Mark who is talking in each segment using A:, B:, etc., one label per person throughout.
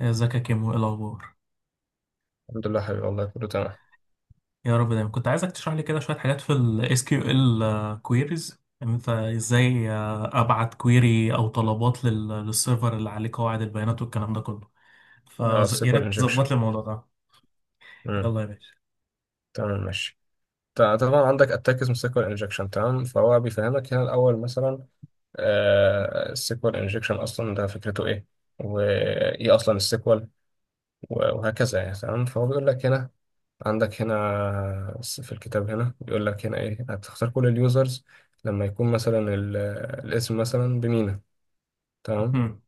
A: ازيك يا كيمو، ايه الاخبار؟
B: الحمد لله حبيبي، والله كله تمام.
A: يا رب دايما. كنت عايزك تشرح لي كده شويه حاجات في ال SQL queries، ان انت ازاي ابعت كويري او طلبات للسيرفر اللي عليه قواعد البيانات والكلام ده كله.
B: اه
A: فيا
B: السيكوال
A: ريت
B: انجكشن.
A: تظبط لي الموضوع ده.
B: امم
A: يلا يا باشا.
B: تمام ماشي. طبعا عندك اتاك اسمه سيكوال انجكشن تمام، فهو بيفهمك هنا الاول مثلا: السيكوال انجكشن اصلا ده فكرته ايه، وايه اصلا السيكوال، وهكذا يعني. تمام فهو بيقول لك هنا عندك هنا في الكتاب هنا بيقول لك هنا ايه، هتختار كل اليوزرز لما يكون مثلا الاسم مثلا بمينا. تمام
A: مم.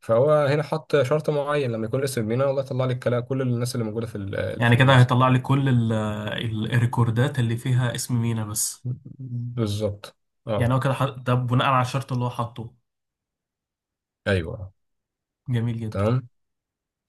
B: فهو هنا حط شرط معين، لما يكون الاسم بمينا والله يطلع لك كل الناس اللي موجوده في
A: يعني كده
B: اليوزر.
A: هيطلع لي كل الريكوردات اللي فيها اسم مينا بس.
B: بالظبط، اه،
A: يعني هو كده ده بناء على الشرط اللي هو حاطه.
B: ايوه،
A: جميل جدا.
B: تمام.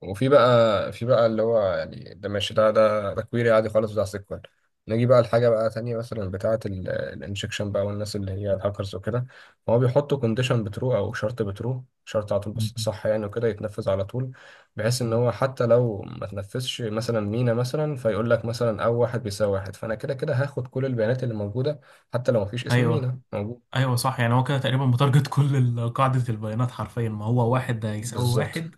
B: وفي بقى اللي هو يعني ده ماشي، ده كويري عادي خالص بتاع سيكوال. نيجي بقى لحاجه بقى تانية مثلا بتاعه الانجكشن بقى، والناس اللي هي الهاكرز وكده، هو بيحطوا كونديشن بترو او شرط بترو، شرط على طول بس صح يعني، وكده يتنفذ على طول، بحيث ان
A: مم.
B: هو حتى لو ما تنفذش مثلا مينا، مثلا فيقول لك مثلا او واحد بيساوي واحد، فانا كده كده هاخد كل البيانات اللي موجوده حتى لو ما فيش اسم
A: ايوه.
B: مينا موجود.
A: ايوه صح، يعني هو كده تقريبا متارجت كل قاعده البيانات حرفيا، ما هو واحد ده يساوي
B: بالظبط.
A: واحد.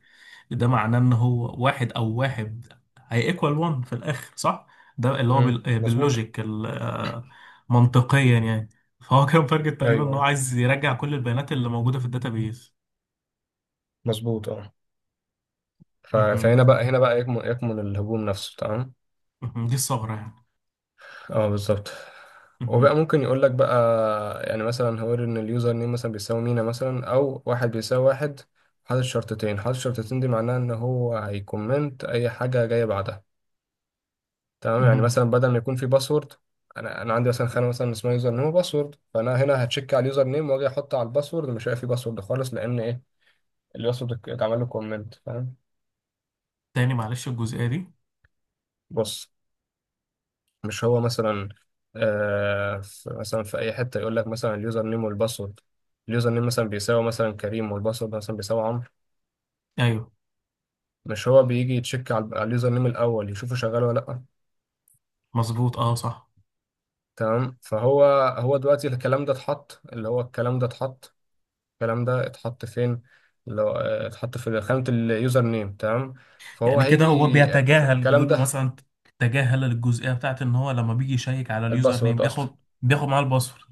A: ده معناه ان هو واحد او واحد. هي ايكوال 1 في الاخر صح؟ ده اللي هو
B: مظبوط.
A: باللوجيك منطقيا يعني. فهو كان تارجت تقريبا ان هو
B: ايوه
A: عايز يرجع كل البيانات اللي موجوده في الداتابيز.
B: مظبوط، اه.
A: مهم.
B: فهنا بقى هنا بقى يكمن الهجوم نفسه تمام.
A: مهم. دي الثغره يعني.
B: اه بالظبط.
A: مهم.
B: وبقى ممكن يقول لك بقى يعني مثلا هو ان اليوزر نيم مثلا بيساوي مينا مثلا او واحد بيساوي واحد، حاطط شرطتين. حاطط شرطتين دي معناها ان هو هيكومنت اي حاجه جايه بعدها. تمام، يعني
A: مهم.
B: مثلا بدل ما يكون في باسورد، انا عندي مثلا خانه مثلا اسمها يوزر نيم وباسورد، فانا هنا هتشيك على اليوزر نيم، واجي احط على الباسورد مش هلاقي في باسورد خالص لان ايه، الباسورد اتعمل له كومنت. فاهم؟
A: تاني معلش الجزئيه دي.
B: بص، مش هو مثلا، مثلا في اي حته يقول لك مثلا اليوزر نيم والباسورد، اليوزر نيم مثلا بيساوي مثلا كريم، والباسورد مثلا بيساوي عمرو.
A: ايوه
B: مش هو بيجي يتشيك على اليوزر نيم الاول، يشوفه شغال ولا لا.
A: مظبوط اه صح.
B: تمام فهو، هو دلوقتي الكلام ده اتحط، اللي هو الكلام ده اتحط، الكلام ده اتحط فين؟ اللي هو، اتحط في خانه اليوزر نيم. تمام فهو
A: يعني كده هو
B: هيجي في
A: بيتجاهل،
B: الكلام
A: بيقول له
B: ده،
A: مثلا تجاهل الجزئيه بتاعت ان هو لما بيجي يشيك على اليوزر نيم
B: الباسورد اصلا،
A: بياخد، بياخد معاه الباسورد.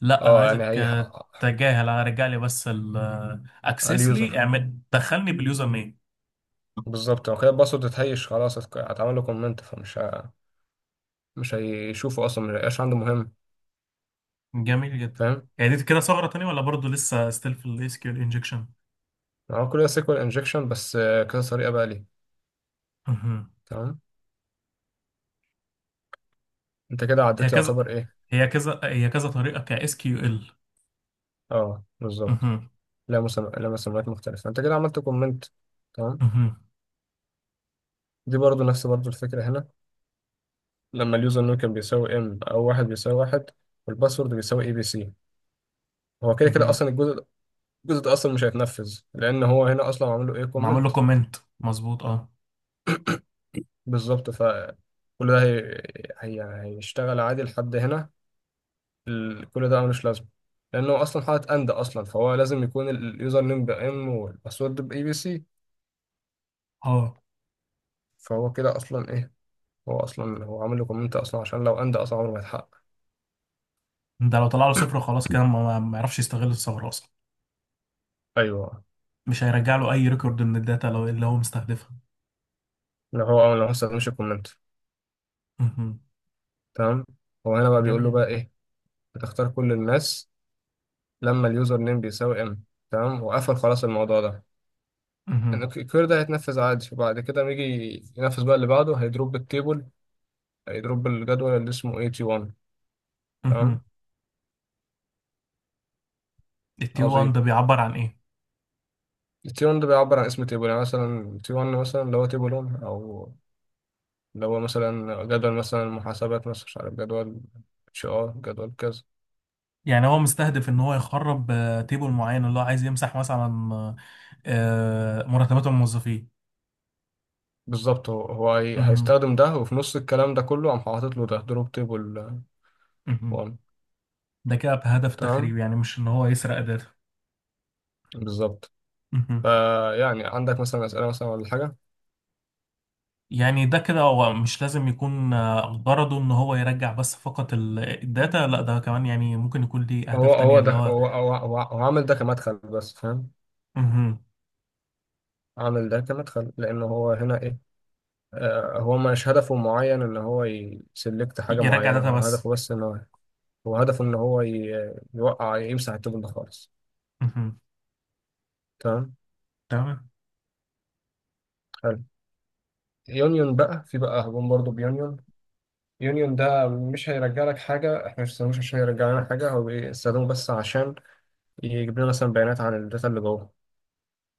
A: لا انا
B: اه يعني
A: عايزك
B: هي،
A: تجاهل، انا رجع لي بس الاكسس، لي
B: اليوزر.
A: اعمل دخلني باليوزر نيم.
B: بالظبط، هو كده الباسورد اتهيش خلاص، اتعمل له كومنت، فمش مش هيشوفه اصلا، مش هيبقاش عنده مهم.
A: جميل جدا.
B: فاهم؟
A: يعني دي كده ثغرة تانية ولا برضو لسه ستيل في الاس كيو ال انجكشن؟
B: هو كل ده سيكوال انجكشن بس كذا طريقه بقى ليه.
A: مهم.
B: تمام. انت كده
A: هي
B: عديت
A: كذا
B: يعتبر ايه.
A: هي كذا طريقة ك اس كيو ال.
B: اه بالظبط.
A: مهم.
B: لا، مسميات مختلفه، انت كده عملت كومنت. تمام.
A: مهم.
B: دي برضو نفس برضو الفكره هنا، لما اليوزر نوم كان بيساوي ام او واحد بيساوي واحد، والباسورد بيساوي اي بي سي، هو كده كده
A: مهم.
B: اصلا الجزء ده اصلا مش هيتنفذ، لان هو هنا اصلا عامل له ايه
A: معمول له
B: كومنت.
A: كومنت مظبوط اه.
B: بالظبط. كل ده هيشتغل عادي لحد هنا. كل ده ملوش لازمه، لانه اصلا حاطط اند اصلا، فهو لازم يكون اليوزر نيم بام والباسورد باي بي سي.
A: اه.
B: فهو كده اصلا ايه، هو اصلا عامل له كومنت اصلا، عشان لو اند اصلا عمره ما يتحقق.
A: ده لو طلع له صفر خلاص كده ما يعرفش يستغل الثغرة اصلا.
B: ايوه.
A: مش هيرجع له اي ريكورد من الداتا لو اللي هو مستهدفها.
B: لو ما استخدمش الكومنت.
A: مهم.
B: تمام. هو هنا بقى بيقول له بقى
A: جميل.
B: ايه، بتختار كل الناس لما اليوزر نيم بيساوي ام. تمام، وقفل خلاص الموضوع ده، إن
A: مهم.
B: الكير ده هيتنفذ عادي، وبعد كده لما يجي ينفذ بقى اللي بعده، هيدروب التيبل، هيدروب الجدول اللي اسمه 81.
A: مهم.
B: تمام
A: التي 1
B: عظيم.
A: ده بيعبر عن ايه؟
B: التي 1 ده بيعبر عن اسم تيبل، يعني مثلا تي 1 مثلا اللي هو تيبل 1، او اللي هو مثلا جدول مثلا محاسبات، مثلا مش عارف، جدول اتش ار، جدول كذا.
A: يعني هو مستهدف ان هو يخرب تيبل معين اللي هو عايز يمسح مثلا آه، مرتبات الموظفين.
B: بالظبط، هو
A: مهم.
B: هيستخدم ده، وفي نص الكلام ده كله قام حاطط له ده دروب تيبل
A: مهم.
B: 1.
A: ده كده بهدف
B: تمام
A: تخريب يعني، مش ان هو يسرق داتا.
B: بالظبط.
A: مهم.
B: فيعني عندك مثلا اسئله مثلا ولا حاجه؟
A: يعني ده كده هو مش لازم يكون غرضه ان هو يرجع بس فقط الداتا، لا ده كمان يعني ممكن يكون ليه اهداف
B: هو
A: تانية
B: هو
A: اللي
B: ده
A: هو.
B: هو هو هو, هو عامل ده كمدخل بس، فاهم؟
A: مهم.
B: عامل ده كمدخل لان هو هنا ايه، هو مش هدفه معين ان هو يسلكت حاجه
A: يرجع
B: معينه،
A: داتا
B: هو
A: بس.
B: هدفه بس ان هو هدفه ان هو يوقع يمسح التوب ده خالص.
A: مهم.
B: تمام
A: تمام.
B: حلو. يونيون بقى، في بقى هجوم برضه بيونيون. يونيون ده مش هيرجع لك حاجة، احنا مش بنستخدموش عشان يرجع لنا حاجة، هو بيستخدمه بس عشان يجيب لنا مثلا بيانات عن الداتا اللي جوه.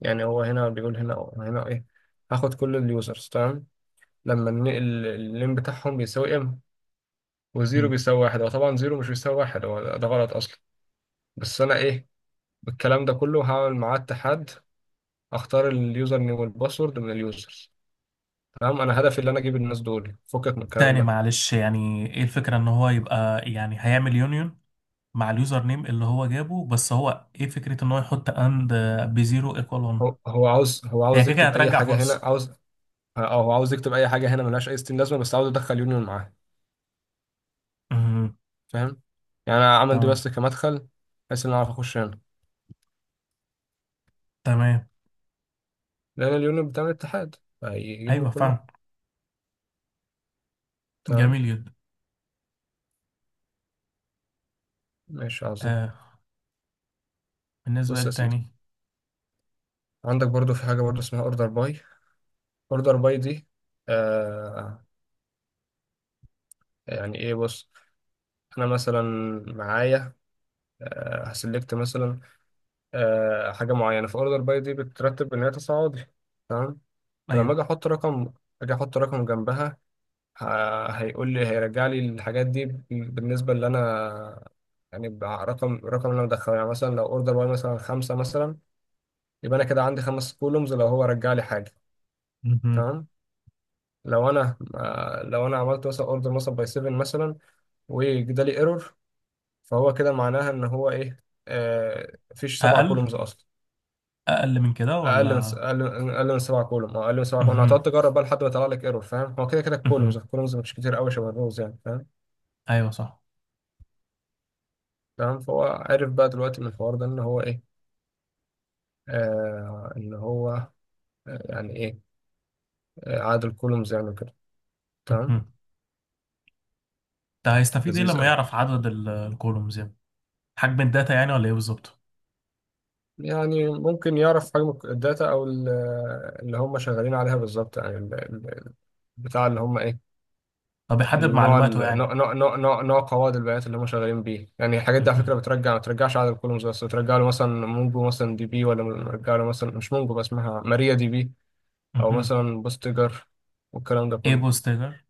B: يعني هو هنا بيقول هنا، أو هنا ايه، هاخد كل اليوزرز تمام لما النقل اللين بتاعهم بيساوي ام، وزيرو
A: مهم.
B: بيساوي واحد. هو طبعا زيرو مش بيساوي واحد، هو ده غلط اصلا، بس انا ايه، بالكلام ده كله هعمل معاه اتحاد، اختار اليوزر نيم والباسورد من اليوزرز. تمام، انا هدفي اللي انا اجيب الناس دول فكك من الكلام
A: تاني
B: ده.
A: معلش، يعني ايه الفكرة ان هو يبقى يعني هيعمل يونيون مع اليوزر نيم اللي هو جابه؟ بس هو ايه فكرة ان هو يحط اند بزيرو ايكوال 1؟
B: هو
A: هي
B: عاوز
A: كده كده
B: يكتب اي
A: هترجع
B: حاجه هنا،
A: فرصة.
B: عاوز، او هو عاوز يكتب اي حاجه هنا ملهاش اي ستين لازمه، بس عاوز ادخل يونيون معاه.
A: مهم.
B: فاهم؟ يعني انا عامل دي
A: تمام.
B: بس كمدخل، بحيث ان انا اعرف اخش هنا،
A: تمام.
B: لان اليونيون بتاع الاتحاد، فيجيبهم
A: ايوه فاهم.
B: كلهم. تمام
A: جميل جدا.
B: ماشي عظيم.
A: آه. بالنسبة
B: بص يا سيدي،
A: للتاني.
B: عندك برضو في حاجه برضو اسمها اوردر باي، اوردر باي دي آه يعني ايه، بص، انا مثلا معايا هسلكت مثلا حاجه معينه، فاوردر باي دي بترتب ان هي تصاعدي. تمام.
A: ايوه.
B: فلما اجي احط رقم، اجي احط رقم جنبها، هيقول لي، هيرجع لي الحاجات دي بالنسبه اللي انا يعني، الرقم اللي انا مدخله، يعني مثلا لو اوردر باي مثلا خمسه مثلا، يبقى انا كده عندي خمس كولومز لو هو رجع لي حاجه.
A: مهم.
B: تمام. لو انا عملت مثلا اوردر مثلا باي 7 مثلا وجدالي ايرور، فهو كده معناها ان هو ايه، مفيش سبع
A: اقل.
B: كولومز اصلا،
A: اقل من كده
B: اقل
A: ولا؟
B: اقل من 7 كولوم، اه، اقل من 7 كولوم،
A: مهم.
B: هتقعد تجرب بقى لحد ما يطلع لك ايرور. فاهم؟ هو كده كده الكولومز،
A: مهم.
B: مش كتير قوي، شبه الروز يعني، فاهم؟
A: ايوه صح.
B: تمام. فهو عرف بقى دلوقتي من الحوار ده ان هو ايه، ان هو يعني ايه، عدد الكولومز يعني كده. تمام.
A: مهم. ده هيستفيد ايه
B: لذيذ
A: لما
B: قوي.
A: يعرف عدد الكولومز يعني؟ حجم الداتا يعني ولا ايه بالظبط؟
B: يعني ممكن يعرف حجم الداتا او اللي هم شغالين عليها بالظبط، يعني البتاع اللي هم ايه،
A: طب يحدد
B: النوع
A: معلوماته يعني.
B: نوع قواعد البيانات اللي هم شغالين بيه، يعني الحاجات دي على فكره
A: مهم.
B: بترجع، ما بترجعش عدد الكولومز بس، بترجع له مثلا مونجو مثلا دي بي، ولا بترجع له مثلا مش مونجو بس اسمها ماريا دي بي، او
A: مهم.
B: مثلا بوستجر، والكلام ده
A: ايه
B: كله.
A: بوستجر؟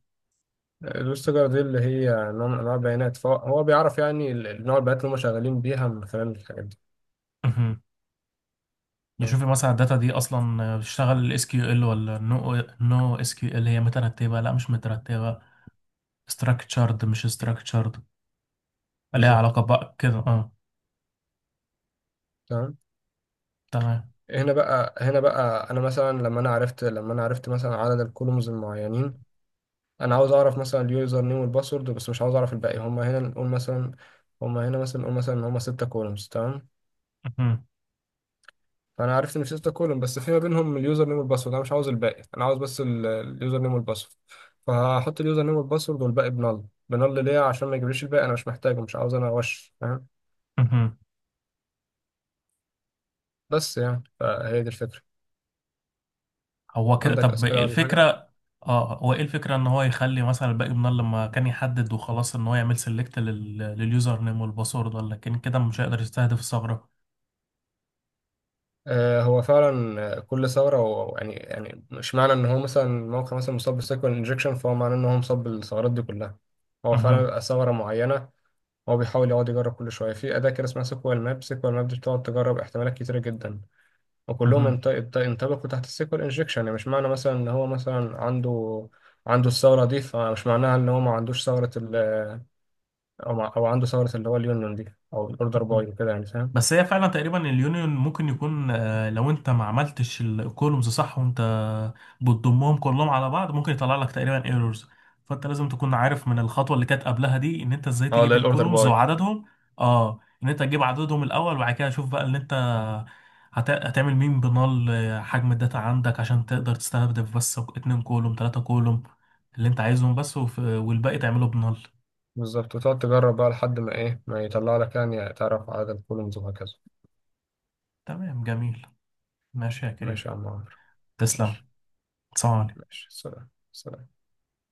B: البوستجر دي اللي هي نوع من انواع البيانات، فهو بيعرف يعني نوع البيانات اللي هم شغالين بيها من خلال الحاجات دي.
A: يشوف
B: تمام
A: مثلا الداتا دي اصلا بتشتغل الاس كيو ال ولا نو نو اس كيو ال، هي مترتبه لا مش مترتبه. structured مش structured. ليها
B: بالظبط.
A: علاقه بقى كده اه.
B: تمام.
A: تمام.
B: هنا بقى انا مثلا لما انا عرفت، لما انا عرفت مثلا عدد الكولومز المعينين، انا عاوز اعرف مثلا اليوزر نيم والباسورد بس، مش عاوز اعرف الباقي. هما هنا نقول مثلا، هما هنا مثلا نقول مثلا ان هما ستة كولومز. تمام،
A: مهم.
B: فانا عرفت ان في ستة كولوم، بس في ما بينهم اليوزر نيم والباسورد، انا مش عاوز الباقي، انا عاوز بس اليوزر نيم والباسورد. فهحط اليوزر نيم والباسورد والباقي بنل. بنل ليه، عشان ما يجيبليش الباقي، انا مش محتاجه، مش عاوز انا وش. فاهم؟
A: مهم.
B: بس يعني فهي دي الفكرة.
A: هو كده.
B: عندك
A: طب إيه
B: اسئلة ولا حاجة؟
A: الفكره؟ اه هو ايه الفكره ان هو يخلي مثلا الباقي من لما كان يحدد وخلاص ان هو يعمل سيلكت لليوزر نيم والباسورد، ولا كان كده مش هيقدر يستهدف الثغره؟
B: هو فعلا كل ثوره هو يعني مش معنى ان هو مثلا موقع مثلا مصاب بالسيكوال انجكشن، فهو معناه ان هو مصاب بالثغرات دي كلها. هو فعلا
A: مهم.
B: بيبقى ثغره معينه، هو بيحاول يقعد يجرب كل شويه في اداه كده اسمها سيكوال ماب. سيكوال ماب دي بتقعد تجرب احتمالات كتيره جدا، وكلهم ينطبقوا تحت السيكوال انجكشن. يعني مش معنى مثلا ان هو مثلا عنده، الثغره دي، فمش معناها ان هو ما عندوش ثغره او أو عنده ثغره اللي هو اليونيون دي او الاوردر
A: مهم.
B: باي وكده، يعني فاهم؟
A: بس هي فعلا تقريبا اليونيون ممكن يكون لو انت ما عملتش الكولومز صح وانت بتضمهم كلهم على بعض ممكن يطلع لك تقريبا ايرورز. فانت لازم تكون عارف من الخطوه اللي كانت قبلها دي ان انت ازاي
B: اه،
A: تجيب
B: لا الاوردر
A: الكولومز
B: باي.
A: وعددهم. اه ان انت تجيب عددهم الاول، وبعد كده شوف بقى اللي انت هتعمل مين بنال حجم الداتا عندك عشان تقدر تستهدف بس 2 كولوم 3 كولوم اللي انت عايزهم بس، والباقي تعمله بنال.
B: بالظبط، وتقعد تجرب بقى لحد ما ايه ما يطلع لك، يعني تعرف عدد الكولومز وهكذا.
A: تمام جميل. ماشي يا
B: ماشي
A: كريم.
B: يا عم عمرو.
A: تسلم.
B: ماشي،
A: سلام عليكم.
B: ماشي. سلام، سلام.